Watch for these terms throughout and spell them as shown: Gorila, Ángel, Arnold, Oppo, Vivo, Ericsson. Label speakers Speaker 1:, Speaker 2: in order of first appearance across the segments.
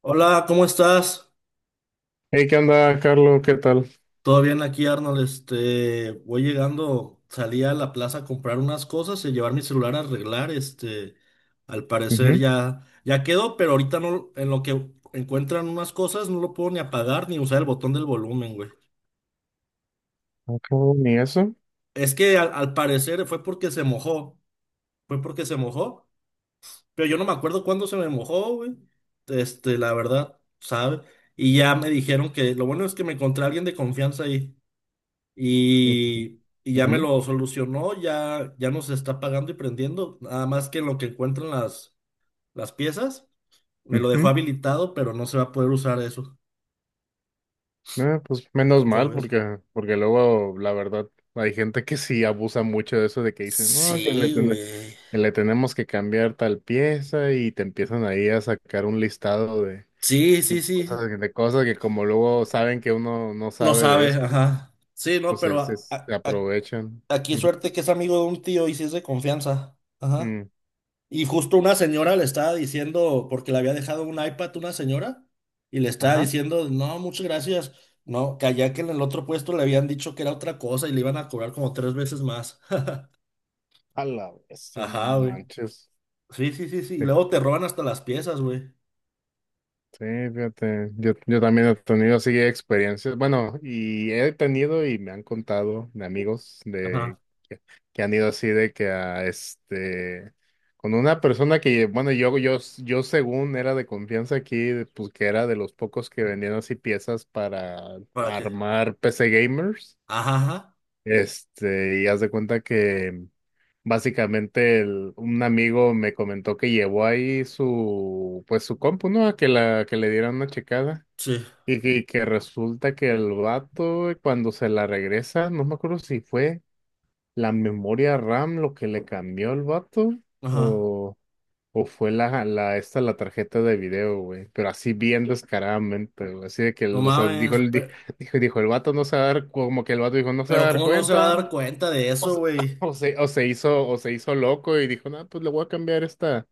Speaker 1: Hola, ¿cómo estás?
Speaker 2: Hey, ¿qué onda, Carlos? ¿Qué tal?
Speaker 1: ¿Todo bien aquí, Arnold? Voy llegando, salí a la plaza a comprar unas cosas y llevar mi celular a arreglar. Al parecer
Speaker 2: Ujú.
Speaker 1: ya quedó, pero ahorita no, en lo que encuentran unas cosas no lo puedo ni apagar ni usar el botón del volumen, güey.
Speaker 2: Ah, cabrón, ¿y eso?
Speaker 1: Es que al parecer fue porque se mojó, fue porque se mojó, pero yo no me acuerdo cuándo se me mojó, güey. La verdad, ¿sabe? Y ya me dijeron que lo bueno es que me encontré a alguien de confianza ahí. Y, y ya me
Speaker 2: Ujú,
Speaker 1: lo solucionó, ya nos está pagando y prendiendo. Nada más que en lo que encuentran las piezas, me lo dejó
Speaker 2: ujú.
Speaker 1: habilitado, pero no se va a poder usar eso.
Speaker 2: Ah, pues menos
Speaker 1: ¿Cómo
Speaker 2: mal,
Speaker 1: ves?
Speaker 2: porque, porque luego, la verdad, hay gente que sí abusa mucho de eso, de que dicen, no, que le,
Speaker 1: Sí, güey.
Speaker 2: que le tenemos que cambiar tal pieza y te empiezan ahí a sacar un listado
Speaker 1: Sí, sí, sí.
Speaker 2: de cosas que como luego saben que uno no
Speaker 1: No
Speaker 2: sabe de
Speaker 1: sabe,
Speaker 2: eso,
Speaker 1: ajá. Sí, no,
Speaker 2: pues
Speaker 1: pero
Speaker 2: es, se aprovechan.
Speaker 1: aquí
Speaker 2: Ujú.
Speaker 1: suerte que es amigo de un tío y si es de confianza. Ajá.
Speaker 2: Mm.
Speaker 1: Y justo una señora le estaba diciendo, porque le había dejado un iPad una señora, y le estaba
Speaker 2: Ajá.
Speaker 1: diciendo, no, muchas gracias. No, que allá que en el otro puesto le habían dicho que era otra cosa y le iban a cobrar como tres veces más.
Speaker 2: A la bestia, no
Speaker 1: Ajá, güey.
Speaker 2: manches.
Speaker 1: Sí, sí, sí, sí. Y luego te roban hasta las piezas, güey.
Speaker 2: Sí, fíjate, yo también he tenido así experiencias, bueno, y he tenido y me han contado de amigos de
Speaker 1: Ajá.
Speaker 2: que, que han ido así de que a este, con una persona que, bueno, yo según era de confianza aquí, pues que era de los pocos que vendían así piezas para
Speaker 1: ¿Para qué?
Speaker 2: armar PC gamers,
Speaker 1: Ajá, ajá.
Speaker 2: este, y haz de cuenta que básicamente un amigo me comentó que llevó ahí su, pues su compu, ¿no? A que la, que le dieran una checada.
Speaker 1: Sí.
Speaker 2: Y que resulta que el vato, cuando se la regresa, no me acuerdo si fue la memoria RAM lo que le cambió el vato
Speaker 1: Ajá.
Speaker 2: o, o fue la, esta, la tarjeta de video, güey. Pero así bien descaradamente, güey. Así de que,
Speaker 1: No
Speaker 2: o sea, dijo
Speaker 1: mames.
Speaker 2: el, dijo, dijo el vato no se va a dar, como que el vato dijo no se va a
Speaker 1: Pero,
Speaker 2: dar
Speaker 1: ¿cómo no se va a
Speaker 2: cuenta.
Speaker 1: dar cuenta de
Speaker 2: O
Speaker 1: eso,
Speaker 2: se,
Speaker 1: güey?
Speaker 2: o se hizo loco y dijo, no, pues le voy a cambiar esta,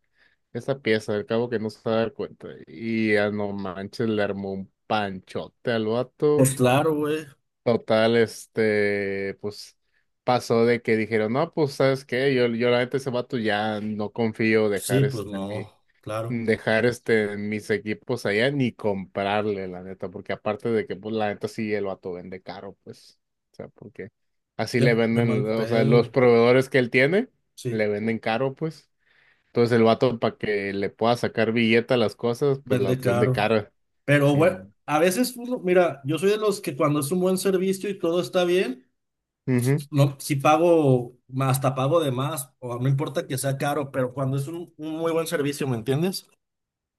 Speaker 2: esta pieza, al cabo que no se va a dar cuenta. Y a no manches, le armó un panchote al vato.
Speaker 1: Pues claro, güey.
Speaker 2: Total, este, pues pasó de que dijeron, no, pues sabes qué, yo la neta ese vato ya no confío
Speaker 1: Sí,
Speaker 2: dejar
Speaker 1: pues
Speaker 2: este mi,
Speaker 1: no. Claro.
Speaker 2: dejar este mis equipos allá ni comprarle, la neta, porque aparte de que, pues, la neta sí el vato vende caro, pues, o sea, porque así
Speaker 1: Qué,
Speaker 2: le
Speaker 1: qué mal
Speaker 2: venden, o sea,
Speaker 1: pedo,
Speaker 2: los
Speaker 1: güey.
Speaker 2: proveedores que él tiene
Speaker 1: Sí.
Speaker 2: le venden caro, pues, entonces el vato para que le pueda sacar billete a las cosas, pues las
Speaker 1: Vende
Speaker 2: vende
Speaker 1: caro.
Speaker 2: cara,
Speaker 1: Pero
Speaker 2: sí,
Speaker 1: bueno,
Speaker 2: mo.
Speaker 1: a veces, pues, no, mira, yo soy de los que cuando es un buen servicio y todo está bien,
Speaker 2: Ujú,
Speaker 1: no, si pago, hasta pago de más, o no importa que sea caro, pero cuando es un muy buen servicio, ¿me entiendes?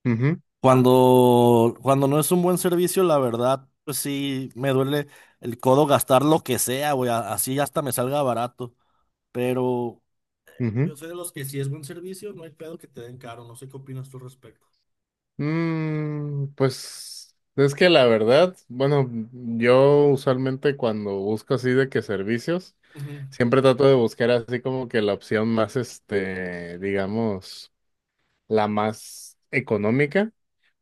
Speaker 2: ujú,
Speaker 1: Cuando no es un buen servicio, la verdad, pues sí, me duele el codo gastar lo que sea, güey, así hasta me salga barato. Pero
Speaker 2: ujú.
Speaker 1: yo soy de los que si es buen servicio, no hay pedo que te den caro, no sé qué opinas tú al respecto.
Speaker 2: Mm, pues es que la verdad, bueno, yo usualmente cuando busco así de que servicios,
Speaker 1: Ujú,
Speaker 2: siempre trato de buscar así como que la opción más, este, digamos, la más económica.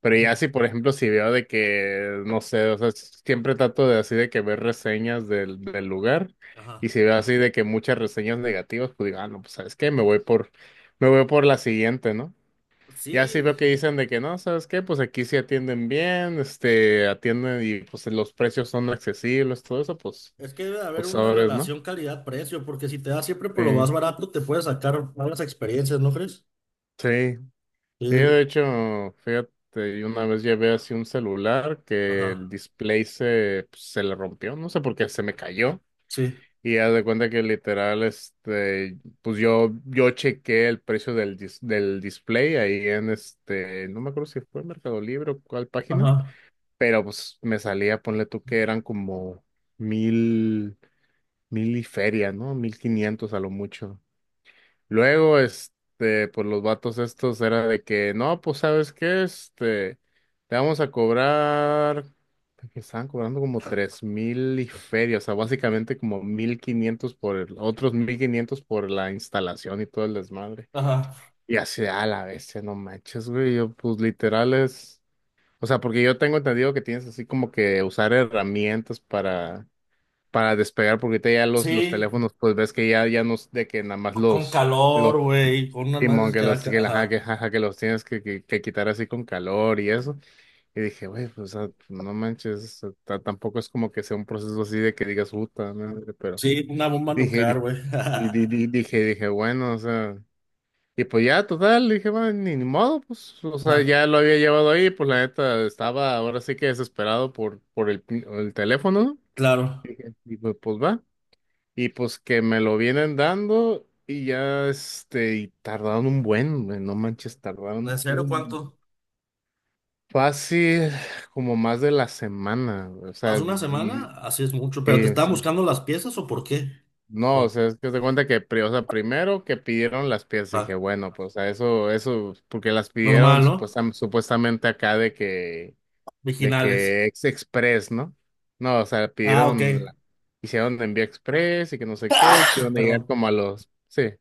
Speaker 2: Pero
Speaker 1: ujú,
Speaker 2: ya si, por ejemplo, si veo de que, no sé, o sea, siempre trato de así de que ver reseñas del, del lugar. Y
Speaker 1: ajá.
Speaker 2: si veo así de que muchas reseñas negativas, pues digo, ah, no, pues sabes qué, me voy por la siguiente, ¿no? Ya sí
Speaker 1: Sí,
Speaker 2: veo que dicen de que no, ¿sabes qué? Pues aquí sí atienden bien, este, atienden y pues los precios son accesibles, todo eso, pues,
Speaker 1: es que debe de haber
Speaker 2: pues
Speaker 1: una
Speaker 2: sabes, ¿no?
Speaker 1: relación calidad-precio, porque si te das siempre por lo
Speaker 2: Sí,
Speaker 1: más barato, te puedes sacar malas experiencias, ¿no crees?
Speaker 2: sí, sí, de
Speaker 1: Sí,
Speaker 2: hecho, fíjate, yo una vez llevé así un celular
Speaker 1: ajá,
Speaker 2: que el display se, pues, se le rompió, no sé por qué, se me cayó.
Speaker 1: sí,
Speaker 2: Y haz de cuenta que literal, este, pues yo chequé el precio del, del display ahí en este, no me acuerdo si fue Mercado Libre o cuál página.
Speaker 1: ajá,
Speaker 2: Pero pues me salía, ponle tú que eran como mil, mil y feria, ¿no? 1,500 a lo mucho. Luego, este, pues los vatos estos era de que, no, pues sabes qué, este, te vamos a cobrar, que estaban cobrando como 3,000 y feria, o sea, básicamente como 1,500 por el, otros 1,500 por la instalación y todo el desmadre.
Speaker 1: ajá.
Speaker 2: Y así, a la bestia, no manches, güey, yo pues literal es... O sea, porque yo tengo entendido que tienes así como que usar herramientas para despegar, porque ahorita ya los
Speaker 1: Sí,
Speaker 2: teléfonos, pues ves que ya, ya no es de que nada más
Speaker 1: con
Speaker 2: los,
Speaker 1: calor, güey, con unas
Speaker 2: Simón,
Speaker 1: madres
Speaker 2: que
Speaker 1: que da,
Speaker 2: los, que, ajá, que,
Speaker 1: ajá.
Speaker 2: ajá, que los tienes que quitar así con calor y eso. Y dije, güey, pues, o sea, no manches, o sea, tampoco es como que sea un proceso así de que digas, puta madre, pero
Speaker 1: Sí, una bomba
Speaker 2: dije,
Speaker 1: nuclear, güey.
Speaker 2: y dije, dije, bueno, o sea. Y pues ya, total, dije, bueno, ni, ni modo, pues, o sea,
Speaker 1: Ajá,
Speaker 2: ya lo había llevado ahí, pues la neta estaba ahora sí que desesperado por el, el teléfono, ¿no?
Speaker 1: claro.
Speaker 2: Y pues, pues va. Y pues que me lo vienen dando y ya, este, y tardaron un buen, güey, no manches,
Speaker 1: ¿En
Speaker 2: tardaron
Speaker 1: serio
Speaker 2: un
Speaker 1: cuánto?
Speaker 2: fácil como más de la semana, o
Speaker 1: ¿Más
Speaker 2: sea,
Speaker 1: de una
Speaker 2: y,
Speaker 1: semana? Así es mucho. ¿Pero te
Speaker 2: sí,
Speaker 1: estaban
Speaker 2: sí,
Speaker 1: buscando las piezas o por qué?
Speaker 2: no, o
Speaker 1: Oh,
Speaker 2: sea, es que se cuenta que, o sea, primero que pidieron las piezas, dije,
Speaker 1: ah,
Speaker 2: bueno, pues a eso, eso, porque las pidieron
Speaker 1: normal, ¿no?
Speaker 2: supuestamente acá de
Speaker 1: Originales.
Speaker 2: que ex express, ¿no? No, o sea,
Speaker 1: Ah, ok.
Speaker 2: pidieron, hicieron envío express y que no sé qué, que iban a llegar
Speaker 1: Perdón.
Speaker 2: como a los, sí, que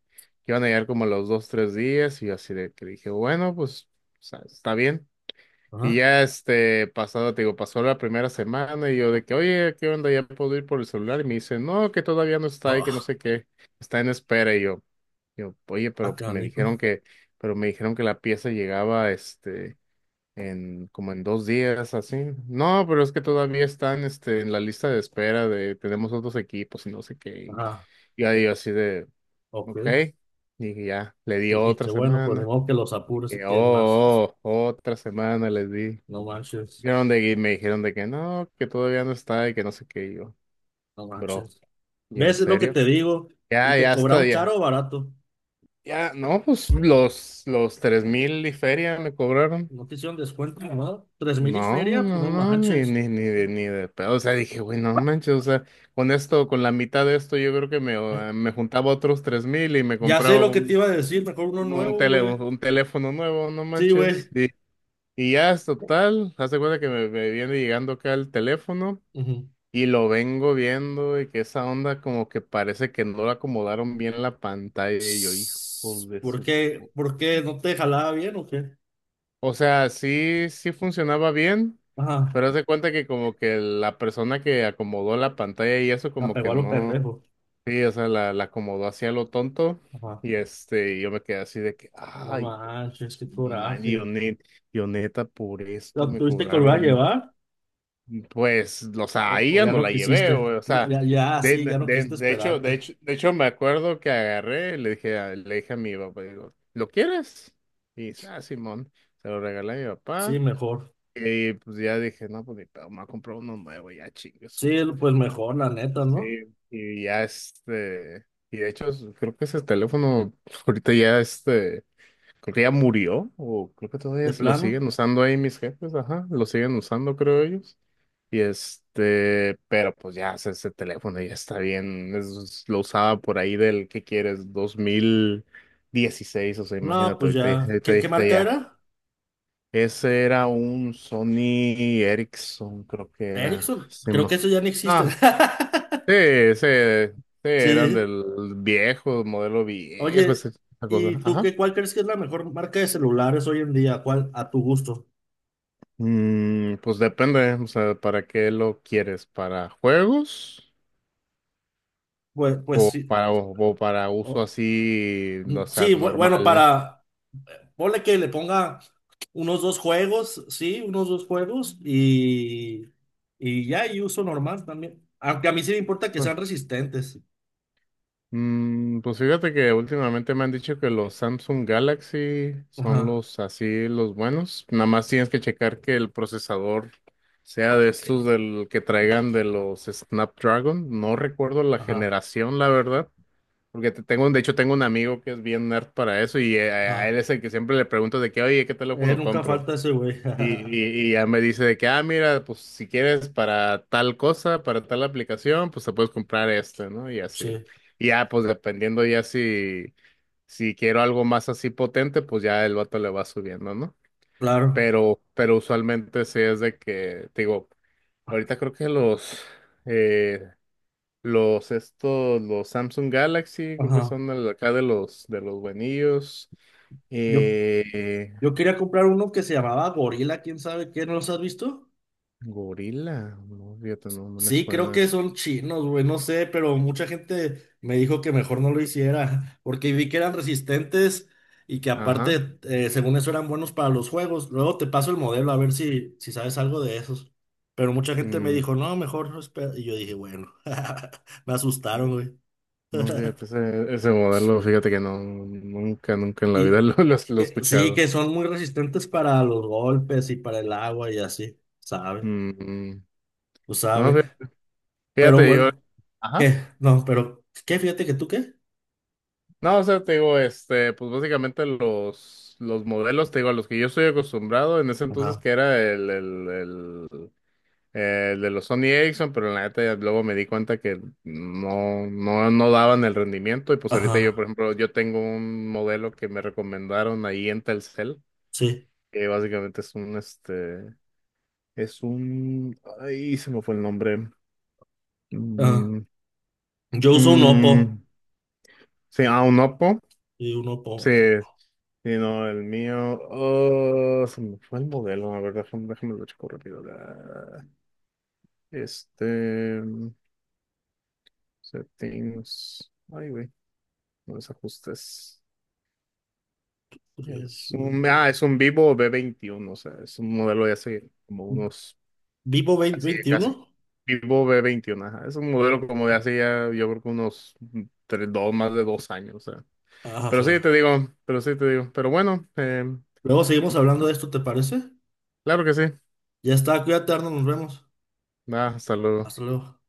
Speaker 2: iban a llegar como a los dos, tres días, y yo así de que dije, bueno, pues, o sea, está bien. Y
Speaker 1: Ajá.
Speaker 2: ya este pasado, te digo, pasó la primera semana y yo de que, oye, ¿qué onda? ¿Ya puedo ir por el celular? Y me dice, no, que todavía no está y que no
Speaker 1: Oh,
Speaker 2: sé qué, está en espera. Y yo, oye,
Speaker 1: ah,
Speaker 2: pero me
Speaker 1: canijo.
Speaker 2: dijeron que, pero me dijeron que la pieza llegaba este en como en 2 días, así. No, pero es que todavía están este en la lista de espera de tenemos otros equipos y no sé qué.
Speaker 1: Ajá.
Speaker 2: Y ahí yo así de,
Speaker 1: Ok.
Speaker 2: ok. Y ya, le di otra
Speaker 1: Dijiste, bueno, pues de
Speaker 2: semana.
Speaker 1: modo que los apures si
Speaker 2: Y, oh,
Speaker 1: tienes más.
Speaker 2: oh, oh, otra semana les di.
Speaker 1: No manches,
Speaker 2: Dijeron de, y me dijeron de que no, que todavía no está y que no sé qué. Y yo,
Speaker 1: no
Speaker 2: bro,
Speaker 1: manches.
Speaker 2: yo en
Speaker 1: ¿Ves? Es lo que
Speaker 2: serio.
Speaker 1: te digo. Y
Speaker 2: Ya,
Speaker 1: te
Speaker 2: ya está,
Speaker 1: cobraron
Speaker 2: ya.
Speaker 1: caro o barato.
Speaker 2: Ya, no, pues los 3,000 y feria me cobraron.
Speaker 1: No te hicieron descuento, ¿no? Tres mil y
Speaker 2: No,
Speaker 1: feria, pues
Speaker 2: no,
Speaker 1: no
Speaker 2: no, ni,
Speaker 1: manches.
Speaker 2: ni, ni de, ni de pedo. O sea, dije, güey, no manches, o sea, con esto, con la mitad de esto, yo creo que me,
Speaker 1: Eh,
Speaker 2: me juntaba otros 3,000 y me
Speaker 1: Ya sé
Speaker 2: compraba
Speaker 1: lo que te iba a decir, mejor uno
Speaker 2: un,
Speaker 1: nuevo,
Speaker 2: tele,
Speaker 1: güey.
Speaker 2: un, teléfono nuevo, no
Speaker 1: Sí,
Speaker 2: manches.
Speaker 1: güey.
Speaker 2: Y ya es total, hace cuenta que me viene llegando acá el teléfono.
Speaker 1: Ujú.
Speaker 2: Y lo vengo viendo y que esa onda como que parece que no la acomodaron bien la pantalla y yo, hijo
Speaker 1: Psss,
Speaker 2: de
Speaker 1: ¿por
Speaker 2: su...
Speaker 1: qué?
Speaker 2: pu-.
Speaker 1: ¿Por qué no te jalaba bien o qué?
Speaker 2: O sea, sí, sí funcionaba bien,
Speaker 1: Ajá,
Speaker 2: pero haz de cuenta que como que la persona que acomodó la pantalla y eso
Speaker 1: la
Speaker 2: como
Speaker 1: pegó
Speaker 2: que
Speaker 1: a los
Speaker 2: no...
Speaker 1: pendejos.
Speaker 2: Sí, o sea, la acomodó hacia lo tonto
Speaker 1: Ajá.
Speaker 2: y este, yo me quedé así de que,
Speaker 1: No
Speaker 2: ay,
Speaker 1: manches, qué
Speaker 2: man, yo,
Speaker 1: coraje.
Speaker 2: yo neta, por
Speaker 1: ¿Lo
Speaker 2: esto me
Speaker 1: tuviste que volver a
Speaker 2: cobraron.
Speaker 1: llevar?
Speaker 2: Pues, o
Speaker 1: O,
Speaker 2: sea, ahí
Speaker 1: o
Speaker 2: ya
Speaker 1: ya
Speaker 2: no
Speaker 1: no
Speaker 2: la
Speaker 1: quisiste,
Speaker 2: llevé, güey. O
Speaker 1: no,
Speaker 2: sea,
Speaker 1: ya, ya, sí, ya
Speaker 2: de,
Speaker 1: no quisiste
Speaker 2: de hecho, de
Speaker 1: esperarte.
Speaker 2: hecho, de hecho, me acuerdo que agarré, y le dije, le dije a mi papá, digo, ¿lo quieres? Y dice, ah, Simón, se lo regalé a mi
Speaker 1: Sí,
Speaker 2: papá.
Speaker 1: mejor.
Speaker 2: Y pues ya dije, no, pues mi papá me ha comprado uno nuevo, ya chingue su
Speaker 1: Sí,
Speaker 2: madre.
Speaker 1: pues mejor, la
Speaker 2: Y
Speaker 1: neta, ¿no?
Speaker 2: sí, y ya este, y de hecho, creo que ese teléfono ahorita ya este, creo que ya murió, o creo que todavía
Speaker 1: De
Speaker 2: lo
Speaker 1: plano.
Speaker 2: siguen usando ahí mis jefes, ajá, lo siguen usando, creo ellos. Y este, pero pues ya, o sea, ese teléfono ya está bien. Lo usaba por ahí del, ¿qué quieres?, 2016, o sea,
Speaker 1: No,
Speaker 2: imagínate,
Speaker 1: pues
Speaker 2: ahorita,
Speaker 1: ya.
Speaker 2: ahorita,
Speaker 1: ¿Qué
Speaker 2: ahorita
Speaker 1: marca
Speaker 2: ya.
Speaker 1: era?
Speaker 2: Ese era un Sony Ericsson, creo que era.
Speaker 1: Ericsson. Creo que eso ya no existe.
Speaker 2: No, sí, sí, sí, eran
Speaker 1: Sí.
Speaker 2: del viejo, modelo viejo,
Speaker 1: Oye,
Speaker 2: esa esa
Speaker 1: ¿y
Speaker 2: cosa.
Speaker 1: tú
Speaker 2: Ajá.
Speaker 1: qué, cuál crees que es la mejor marca de celulares hoy en día? ¿Cuál a tu gusto?
Speaker 2: Mm, pues depende, o sea, ¿para qué lo quieres? ¿Para juegos?
Speaker 1: Pues
Speaker 2: O
Speaker 1: sí.
Speaker 2: para, o, o para uso
Speaker 1: O-
Speaker 2: así, o sea,
Speaker 1: sí, bueno,
Speaker 2: normal, ¿no?
Speaker 1: para, ponle que le ponga unos dos juegos, sí, unos dos juegos y ya, y uso normal también. Aunque a mí sí me importa que sean
Speaker 2: Pues,
Speaker 1: resistentes.
Speaker 2: mm, pues fíjate que últimamente me han dicho que los Samsung Galaxy son
Speaker 1: Ajá,
Speaker 2: los así, los buenos. Nada más tienes que checar que el procesador sea de estos del que traigan de los Snapdragon. No recuerdo la
Speaker 1: ajá,
Speaker 2: generación, la verdad. Porque tengo, de hecho, tengo un amigo que es bien nerd para eso y a él
Speaker 1: ajá.
Speaker 2: es el que siempre le pregunto de que, oye, ¿qué teléfono
Speaker 1: Nunca
Speaker 2: compro?
Speaker 1: falta ese güey.
Speaker 2: Y, y ya me dice de que, ah, mira, pues si quieres para tal cosa, para tal aplicación, pues te puedes comprar este, ¿no? Y así.
Speaker 1: Sí,
Speaker 2: Y ya, pues dependiendo ya si, si quiero algo más así potente, pues ya el vato le va subiendo, ¿no?
Speaker 1: claro.
Speaker 2: Pero usualmente sí es de que, te digo, ahorita creo que eh, los estos, los Samsung Galaxy, creo que
Speaker 1: Ajá.
Speaker 2: son acá de los buenillos.
Speaker 1: Yo,
Speaker 2: Eh,
Speaker 1: yo quería comprar uno que se llamaba Gorila, quién sabe qué, ¿no los has visto?
Speaker 2: Gorila, no, fíjate, no, no me
Speaker 1: Sí, creo
Speaker 2: suena.
Speaker 1: que son chinos, güey, no sé, pero mucha gente me dijo que mejor no lo hiciera, porque vi que eran resistentes y que
Speaker 2: Ajá.
Speaker 1: aparte, según eso, eran buenos para los juegos. Luego te paso el modelo a ver si sabes algo de esos. Pero mucha gente me
Speaker 2: Mm,
Speaker 1: dijo, no, mejor no espera. Y yo dije, bueno, me
Speaker 2: no,
Speaker 1: asustaron, güey.
Speaker 2: no, fíjate, ese modelo, fíjate que no, nunca, nunca en la vida
Speaker 1: Y
Speaker 2: lo he
Speaker 1: que, sí,
Speaker 2: escuchado.
Speaker 1: que son muy resistentes para los golpes y para el agua y así, ¿sabe?
Speaker 2: Mm, mm.
Speaker 1: Tú
Speaker 2: No,
Speaker 1: sabes. Pero
Speaker 2: fíjate, yo,
Speaker 1: bueno,
Speaker 2: ajá.
Speaker 1: ¿qué? No, pero, ¿qué? Fíjate que tú qué.
Speaker 2: No, o sea, te digo, este, pues básicamente los modelos, te digo, a los que yo estoy acostumbrado en ese entonces
Speaker 1: Ajá.
Speaker 2: que era el de los Sony Ericsson, pero en la neta ya luego me di cuenta que no, no, no daban el rendimiento y pues ahorita yo, por
Speaker 1: Ajá.
Speaker 2: ejemplo, yo tengo un modelo que me recomendaron ahí en Telcel
Speaker 1: Sí.
Speaker 2: que básicamente es un, este, es un, ahí se me fue el nombre.
Speaker 1: Ajá.
Speaker 2: Mm,
Speaker 1: Yo uso un Oppo.
Speaker 2: mm, sí, ah, un Oppo.
Speaker 1: Sí, un
Speaker 2: Sí,
Speaker 1: Oppo.
Speaker 2: sí, no, el mío, oh, se me fue el modelo, a ver, déjame, déjame lo checo rápido. Este, mm, settings, ay, güey, no, los ajustes.
Speaker 1: Tres,
Speaker 2: Es un,
Speaker 1: uno.
Speaker 2: ah, es un Vivo B21, o sea, es un modelo de hace como unos.
Speaker 1: Vivo 20,
Speaker 2: Casi.
Speaker 1: 21.
Speaker 2: Vivo B21, ajá. Es un modelo como de hace ya, yo creo que unos tres, dos, más de 2 años. O sea. Pero sí
Speaker 1: Ajá.
Speaker 2: te digo, pero sí te digo. Pero bueno,
Speaker 1: Luego seguimos hablando de esto, ¿te parece?
Speaker 2: claro que sí.
Speaker 1: Ya está, cuídate, Arnold, nos vemos.
Speaker 2: Nada, hasta luego.
Speaker 1: Hasta luego.